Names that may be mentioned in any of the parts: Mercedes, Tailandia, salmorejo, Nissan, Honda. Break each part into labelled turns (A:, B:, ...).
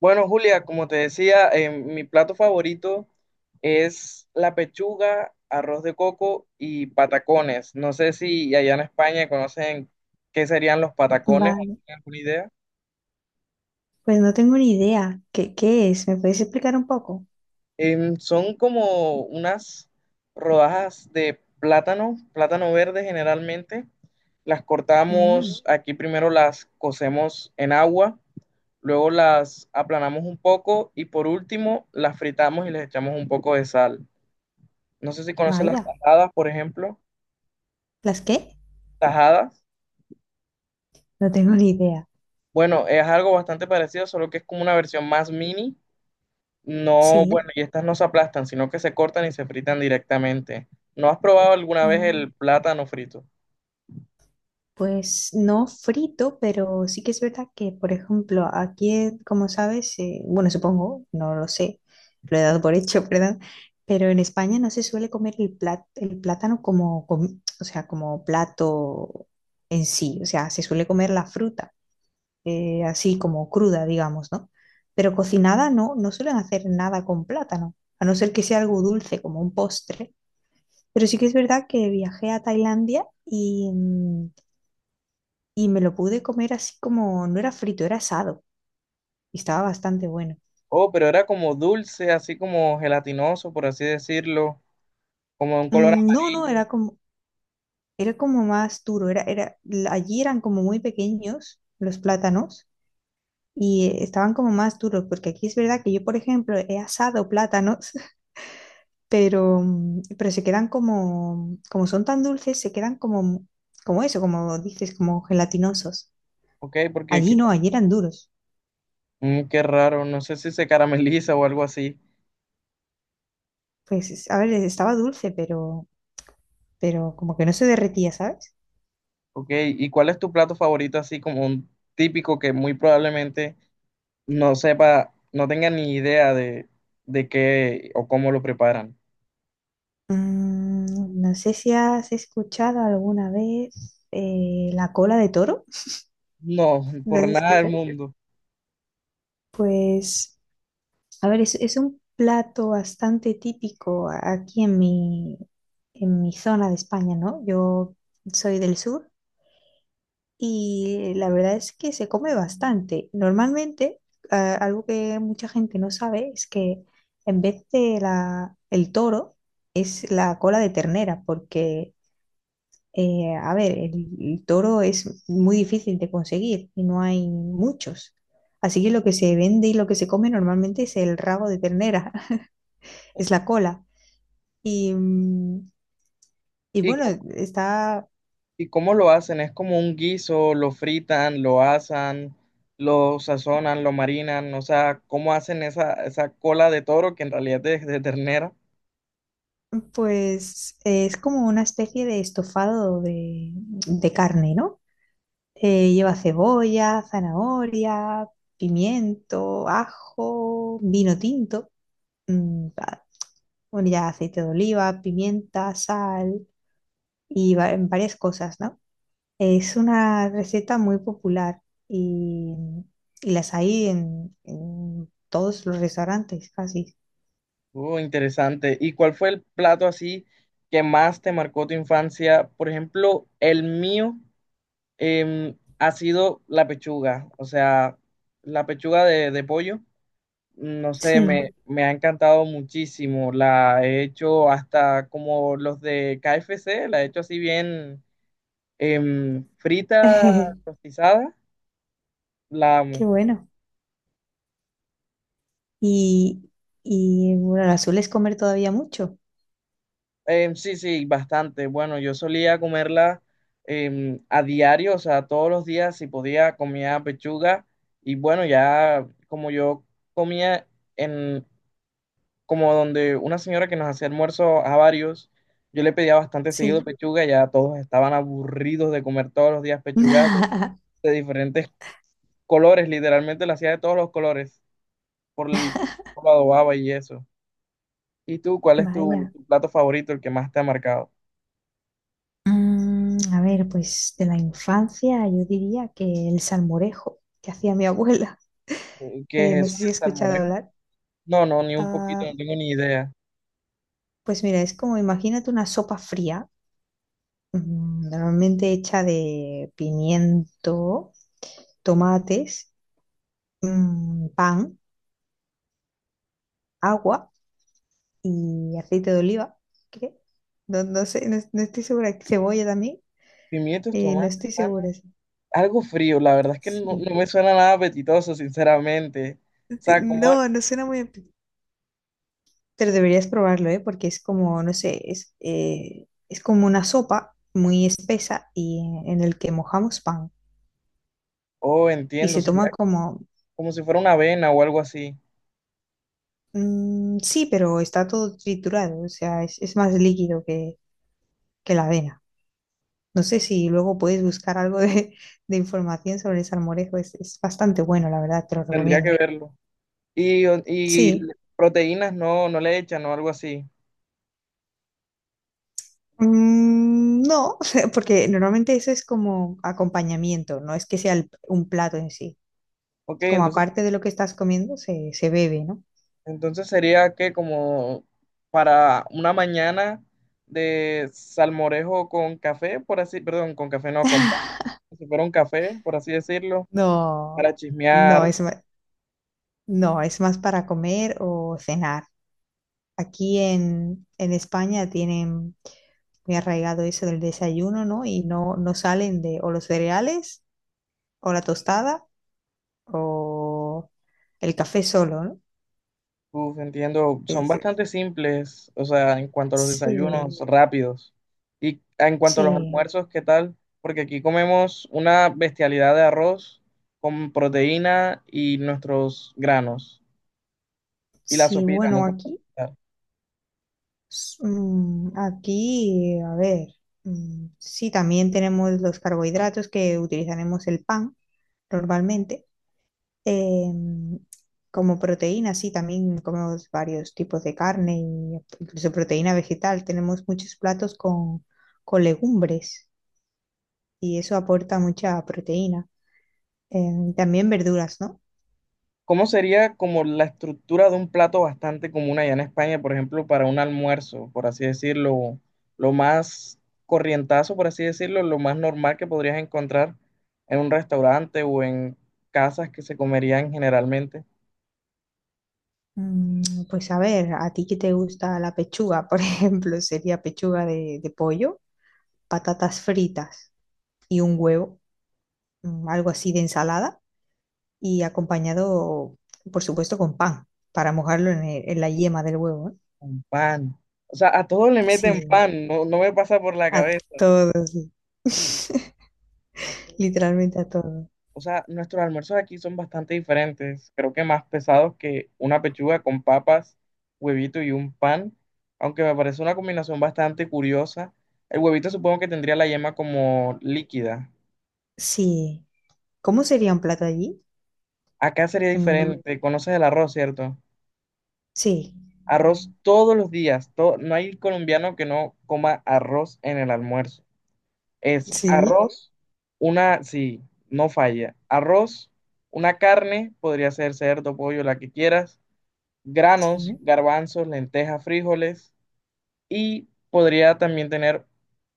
A: Bueno, Julia, como te decía, mi plato favorito es la pechuga, arroz de coco y patacones. No sé si allá en España conocen qué serían los patacones o
B: Vale,
A: tienen alguna idea.
B: pues no tengo ni idea. ¿Qué es? ¿Me puedes explicar un poco?
A: Son como unas rodajas de plátano, plátano verde generalmente. Las
B: Mm,
A: cortamos, aquí primero las cocemos en agua, luego las aplanamos un poco y por último las fritamos y les echamos un poco de sal. No sé si conoces las
B: vaya,
A: tajadas, por ejemplo.
B: ¿las qué?
A: Tajadas.
B: No tengo ni idea.
A: Bueno, es algo bastante parecido, solo que es como una versión más mini. No,
B: Sí,
A: bueno, y estas no se aplastan, sino que se cortan y se fritan directamente. ¿No has probado alguna vez
B: mm,
A: el plátano frito?
B: pues no frito, pero sí que es verdad que, por ejemplo, aquí, como sabes, bueno, supongo, no lo sé, lo he dado por hecho, ¿verdad? Pero en España no se suele comer el plátano como, o sea, como plato en sí, o sea, se suele comer la fruta. Así como cruda, digamos, ¿no? Pero cocinada no, no suelen hacer nada con plátano, a no ser que sea algo dulce como un postre. Pero sí que es verdad que viajé a Tailandia y, y me lo pude comer así como, no era frito, era asado y estaba bastante bueno.
A: Oh, pero era como dulce, así como gelatinoso, por así decirlo, como de un color
B: Mm, no, no,
A: amarillo.
B: era como más duro, allí eran como muy pequeños los plátanos y estaban como más duros, porque aquí es verdad que yo, por ejemplo, he asado plátanos pero, pero se quedan como, como son tan dulces, se quedan como, como eso, como dices, como gelatinosos.
A: Ok, porque
B: Allí no, allí eran duros.
A: qué raro, no sé si se carameliza o algo así.
B: Pues, a ver, estaba dulce, pero como que no se derretía, ¿sabes?
A: Ok, ¿y cuál es tu plato favorito, así como un típico que muy probablemente no sepa, no tenga ni idea de qué o cómo lo preparan?
B: Mm, no sé si has escuchado alguna vez la cola de toro.
A: No,
B: ¿Lo
A: por
B: has
A: nada del
B: escuchado?
A: mundo.
B: Pues, a ver, es un plato bastante típico aquí en mi zona de España, ¿no? Yo soy del sur y la verdad es que se come bastante. Normalmente, ah, algo que mucha gente no sabe es que en vez de el toro, es la cola de ternera, porque, a ver, el toro es muy difícil de conseguir y no hay muchos. Así que lo que se vende y lo que se come normalmente es el rabo de ternera, es la cola. Y, y
A: ¿Y
B: bueno,
A: cómo,
B: está.
A: ¿y cómo lo hacen? Es como un guiso, ¿lo fritan, lo asan, lo sazonan, lo marinan? O sea, ¿cómo hacen esa, esa cola de toro que en realidad es de ternera?
B: Pues es como una especie de estofado de carne, ¿no? Lleva cebolla, zanahoria, pimiento, ajo, vino tinto, mm, bueno, ya aceite de oliva, pimienta, sal y en varias cosas, ¿no? Es una receta muy popular y, y las hay en todos los restaurantes, casi.
A: Oh, interesante. ¿Y cuál fue el plato así que más te marcó tu infancia? Por ejemplo, el mío ha sido la pechuga, o sea, la pechuga de pollo. No sé,
B: Sí,
A: me ha encantado muchísimo. La he hecho hasta como los de KFC, la he hecho así bien, frita,
B: qué
A: rostizada. La amo.
B: bueno. Y, y bueno, ¿la sueles comer todavía mucho?
A: Sí, sí, bastante. Bueno, yo solía comerla, a diario, o sea, todos los días si podía comía pechuga. Y bueno, ya como yo comía en, como donde una señora que nos hacía almuerzo a varios, yo le pedía bastante seguido
B: Sí.
A: pechuga, ya todos estaban aburridos de comer todos los días pechugas de diferentes colores, literalmente la hacía de todos los colores, por el por lo adobaba y eso. ¿Y tú, cuál es
B: Vaya.
A: tu plato favorito, el que más te ha marcado?
B: Mm, a ver, pues de la infancia yo diría que el salmorejo que hacía mi abuela.
A: ¿Qué es
B: No
A: eso?
B: sé si has
A: ¿El
B: escuchado
A: salmorejo?
B: hablar.
A: No, no, ni un poquito,
B: Ah,
A: no tengo ni idea.
B: pues mira, es como imagínate una sopa fría, mm, normalmente hecha de pimiento, tomates, mm, pan, agua y aceite de oliva. ¿Qué? No, no sé, no, no estoy segura. Cebolla también.
A: Pimientos,
B: No
A: tomates,
B: estoy
A: pana.
B: segura. Sí.
A: Algo frío, la verdad es que no,
B: Sí.
A: no me suena nada apetitoso, sinceramente. O
B: Sí,
A: sea, como,
B: no, no suena muy apetitoso. Pero deberías probarlo, ¿eh? Porque es como, no sé, es como una sopa muy espesa y en el que mojamos pan.
A: oh,
B: Y
A: entiendo,
B: se
A: sería
B: toma como,
A: como si fuera una avena o algo así.
B: mm, sí, pero está todo triturado, o sea, es más líquido que la avena. No sé si luego puedes buscar algo de, de información sobre el salmorejo, es bastante bueno, la verdad, te lo
A: Tendría que
B: recomiendo.
A: verlo. Y
B: Sí.
A: proteínas no, no le echan o algo así.
B: Mm, no, porque normalmente eso es como acompañamiento, no es que sea un plato en sí.
A: Ok,
B: Es como
A: entonces,
B: aparte de lo que estás comiendo, se bebe, ¿no?
A: entonces sería que como para una mañana de salmorejo con café, por así, perdón, con café no, con pan, como si fuera un café, por así decirlo,
B: No,
A: para
B: no
A: chismear.
B: es, no, es más para comer o cenar. Aquí en España tienen muy arraigado eso del desayuno, ¿no? Y no, no salen de o los cereales o la tostada o el café solo, ¿no?
A: Uf, entiendo, son
B: Es-
A: bastante simples, o sea, en cuanto a los
B: sí,
A: desayunos, rápidos. Y en cuanto a los
B: sí,
A: almuerzos, ¿qué tal? Porque aquí comemos una bestialidad de arroz con proteína y nuestros granos. Y la
B: sí,
A: sopita, uy,
B: bueno,
A: nunca puede
B: aquí.
A: faltar.
B: Mm, aquí, a ver, mm, sí, también tenemos los carbohidratos que utilizaremos el pan normalmente. Em, como proteína, sí, también comemos varios tipos de carne, y incluso proteína vegetal. Tenemos muchos platos con legumbres y eso aporta mucha proteína. Em, también verduras, ¿no?
A: ¿Cómo sería como la estructura de un plato bastante común allá en España, por ejemplo, para un almuerzo, por así decirlo, lo más corrientazo, por así decirlo, lo más normal que podrías encontrar en un restaurante o en casas que se comerían generalmente?
B: Mm, pues a ver, ¿a ti qué te gusta la pechuga? Por ejemplo, sería pechuga de pollo, patatas fritas y un huevo, mm, algo así de ensalada, y acompañado, por supuesto, con pan para mojarlo en, en la yema del huevo, ¿eh?
A: ¿Un pan? O sea, ¿a todos le meten
B: Sí,
A: pan? No, no me pasa por la
B: a
A: cabeza.
B: todos, sí, literalmente a todos.
A: O sea, nuestros almuerzos aquí son bastante diferentes, creo que más pesados que una pechuga con papas, huevito y un pan, aunque me parece una combinación bastante curiosa. El huevito supongo que tendría la yema como líquida.
B: Sí. ¿Cómo sería un plato allí?
A: Acá sería
B: Un-
A: diferente, conoces el arroz, ¿cierto?
B: sí,
A: Arroz todos los días, no hay colombiano que no coma arroz en el almuerzo. Es
B: sí,
A: arroz, una, sí, no falla, arroz, una carne, podría ser cerdo, pollo, la que quieras, granos,
B: sí.
A: garbanzos, lentejas, frijoles, y podría también tener,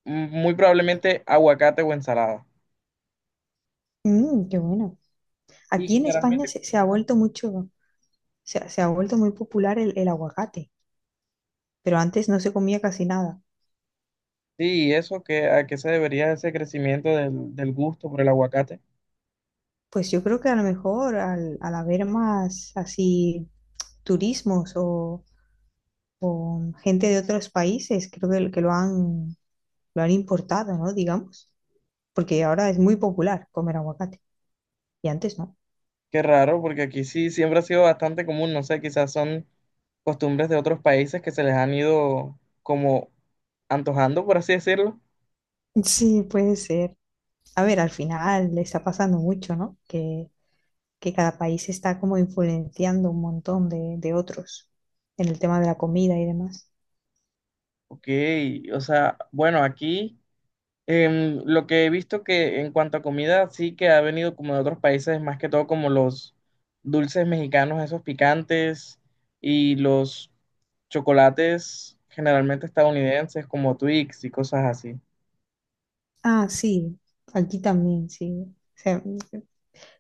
A: muy probablemente aguacate o ensalada.
B: Mm, qué bueno.
A: Y
B: Aquí en España
A: generalmente,
B: se, se ha vuelto mucho, se ha vuelto muy popular el aguacate, pero antes no se comía casi nada.
A: sí, eso, que ¿a qué se debería ese crecimiento del gusto por el aguacate?
B: Pues yo creo que a lo mejor al, al haber más así turismos o gente de otros países, creo que lo han importado, ¿no? Digamos, porque ahora es muy popular comer aguacate y antes no.
A: Qué raro, porque aquí sí siempre ha sido bastante común, no sé, quizás son costumbres de otros países que se les han ido como antojando, por así decirlo.
B: Sí, puede ser. A ver, al final le está pasando mucho, ¿no? Que cada país está como influenciando un montón de otros en el tema de la comida y demás.
A: Ok, o sea, bueno, aquí lo que he visto que en cuanto a comida, sí que ha venido como de otros países, más que todo como los dulces mexicanos, esos picantes, y los chocolates generalmente estadounidenses como Twix y cosas así.
B: Ah, sí, aquí también, sí. O sea,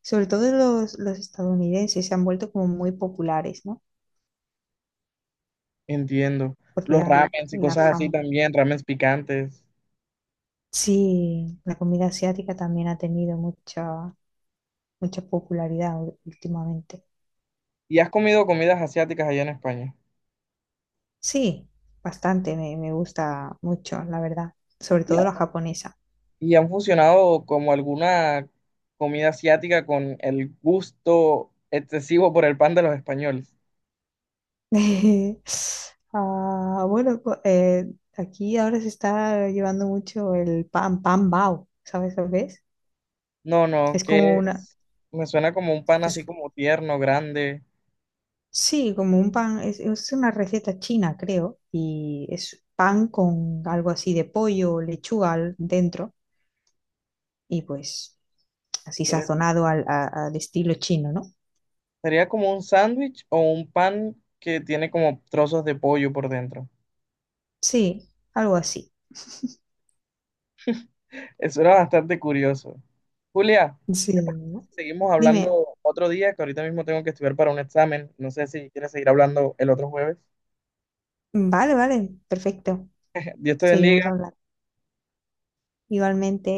B: sobre todo los estadounidenses se han vuelto como muy populares, ¿no?
A: Entiendo.
B: Por
A: Los
B: la,
A: ramens y
B: la
A: cosas así
B: fama.
A: también, ramens picantes.
B: Sí, la comida asiática también ha tenido mucha, mucha popularidad últimamente.
A: ¿Y has comido comidas asiáticas allá en España?
B: Sí, bastante, me gusta mucho, la verdad, sobre
A: ¿Y
B: todo la japonesa.
A: han fusionado como alguna comida asiática con el gusto excesivo por el pan de los españoles?
B: Ah, bueno, aquí ahora se está llevando mucho el pan, pan bao, ¿sabes lo que es?
A: No, no,
B: Es como una,
A: me suena como un pan
B: pues
A: así como tierno, grande.
B: sí, como un pan, es una receta china, creo, y es pan con algo así de pollo o lechuga dentro, y pues... así
A: Eh,
B: sazonado al, al estilo chino, ¿no?
A: Sería como un sándwich o un pan que tiene como trozos de pollo por dentro.
B: Sí, algo así.
A: Eso era bastante curioso. Julia, ¿te parece
B: Sí.
A: si seguimos
B: Dime,
A: hablando otro día? Que ahorita mismo tengo que estudiar para un examen. No sé si quieres seguir hablando el otro jueves.
B: vale, vale, perfecto.
A: Dios te
B: Seguimos
A: bendiga.
B: hablando. Igualmente.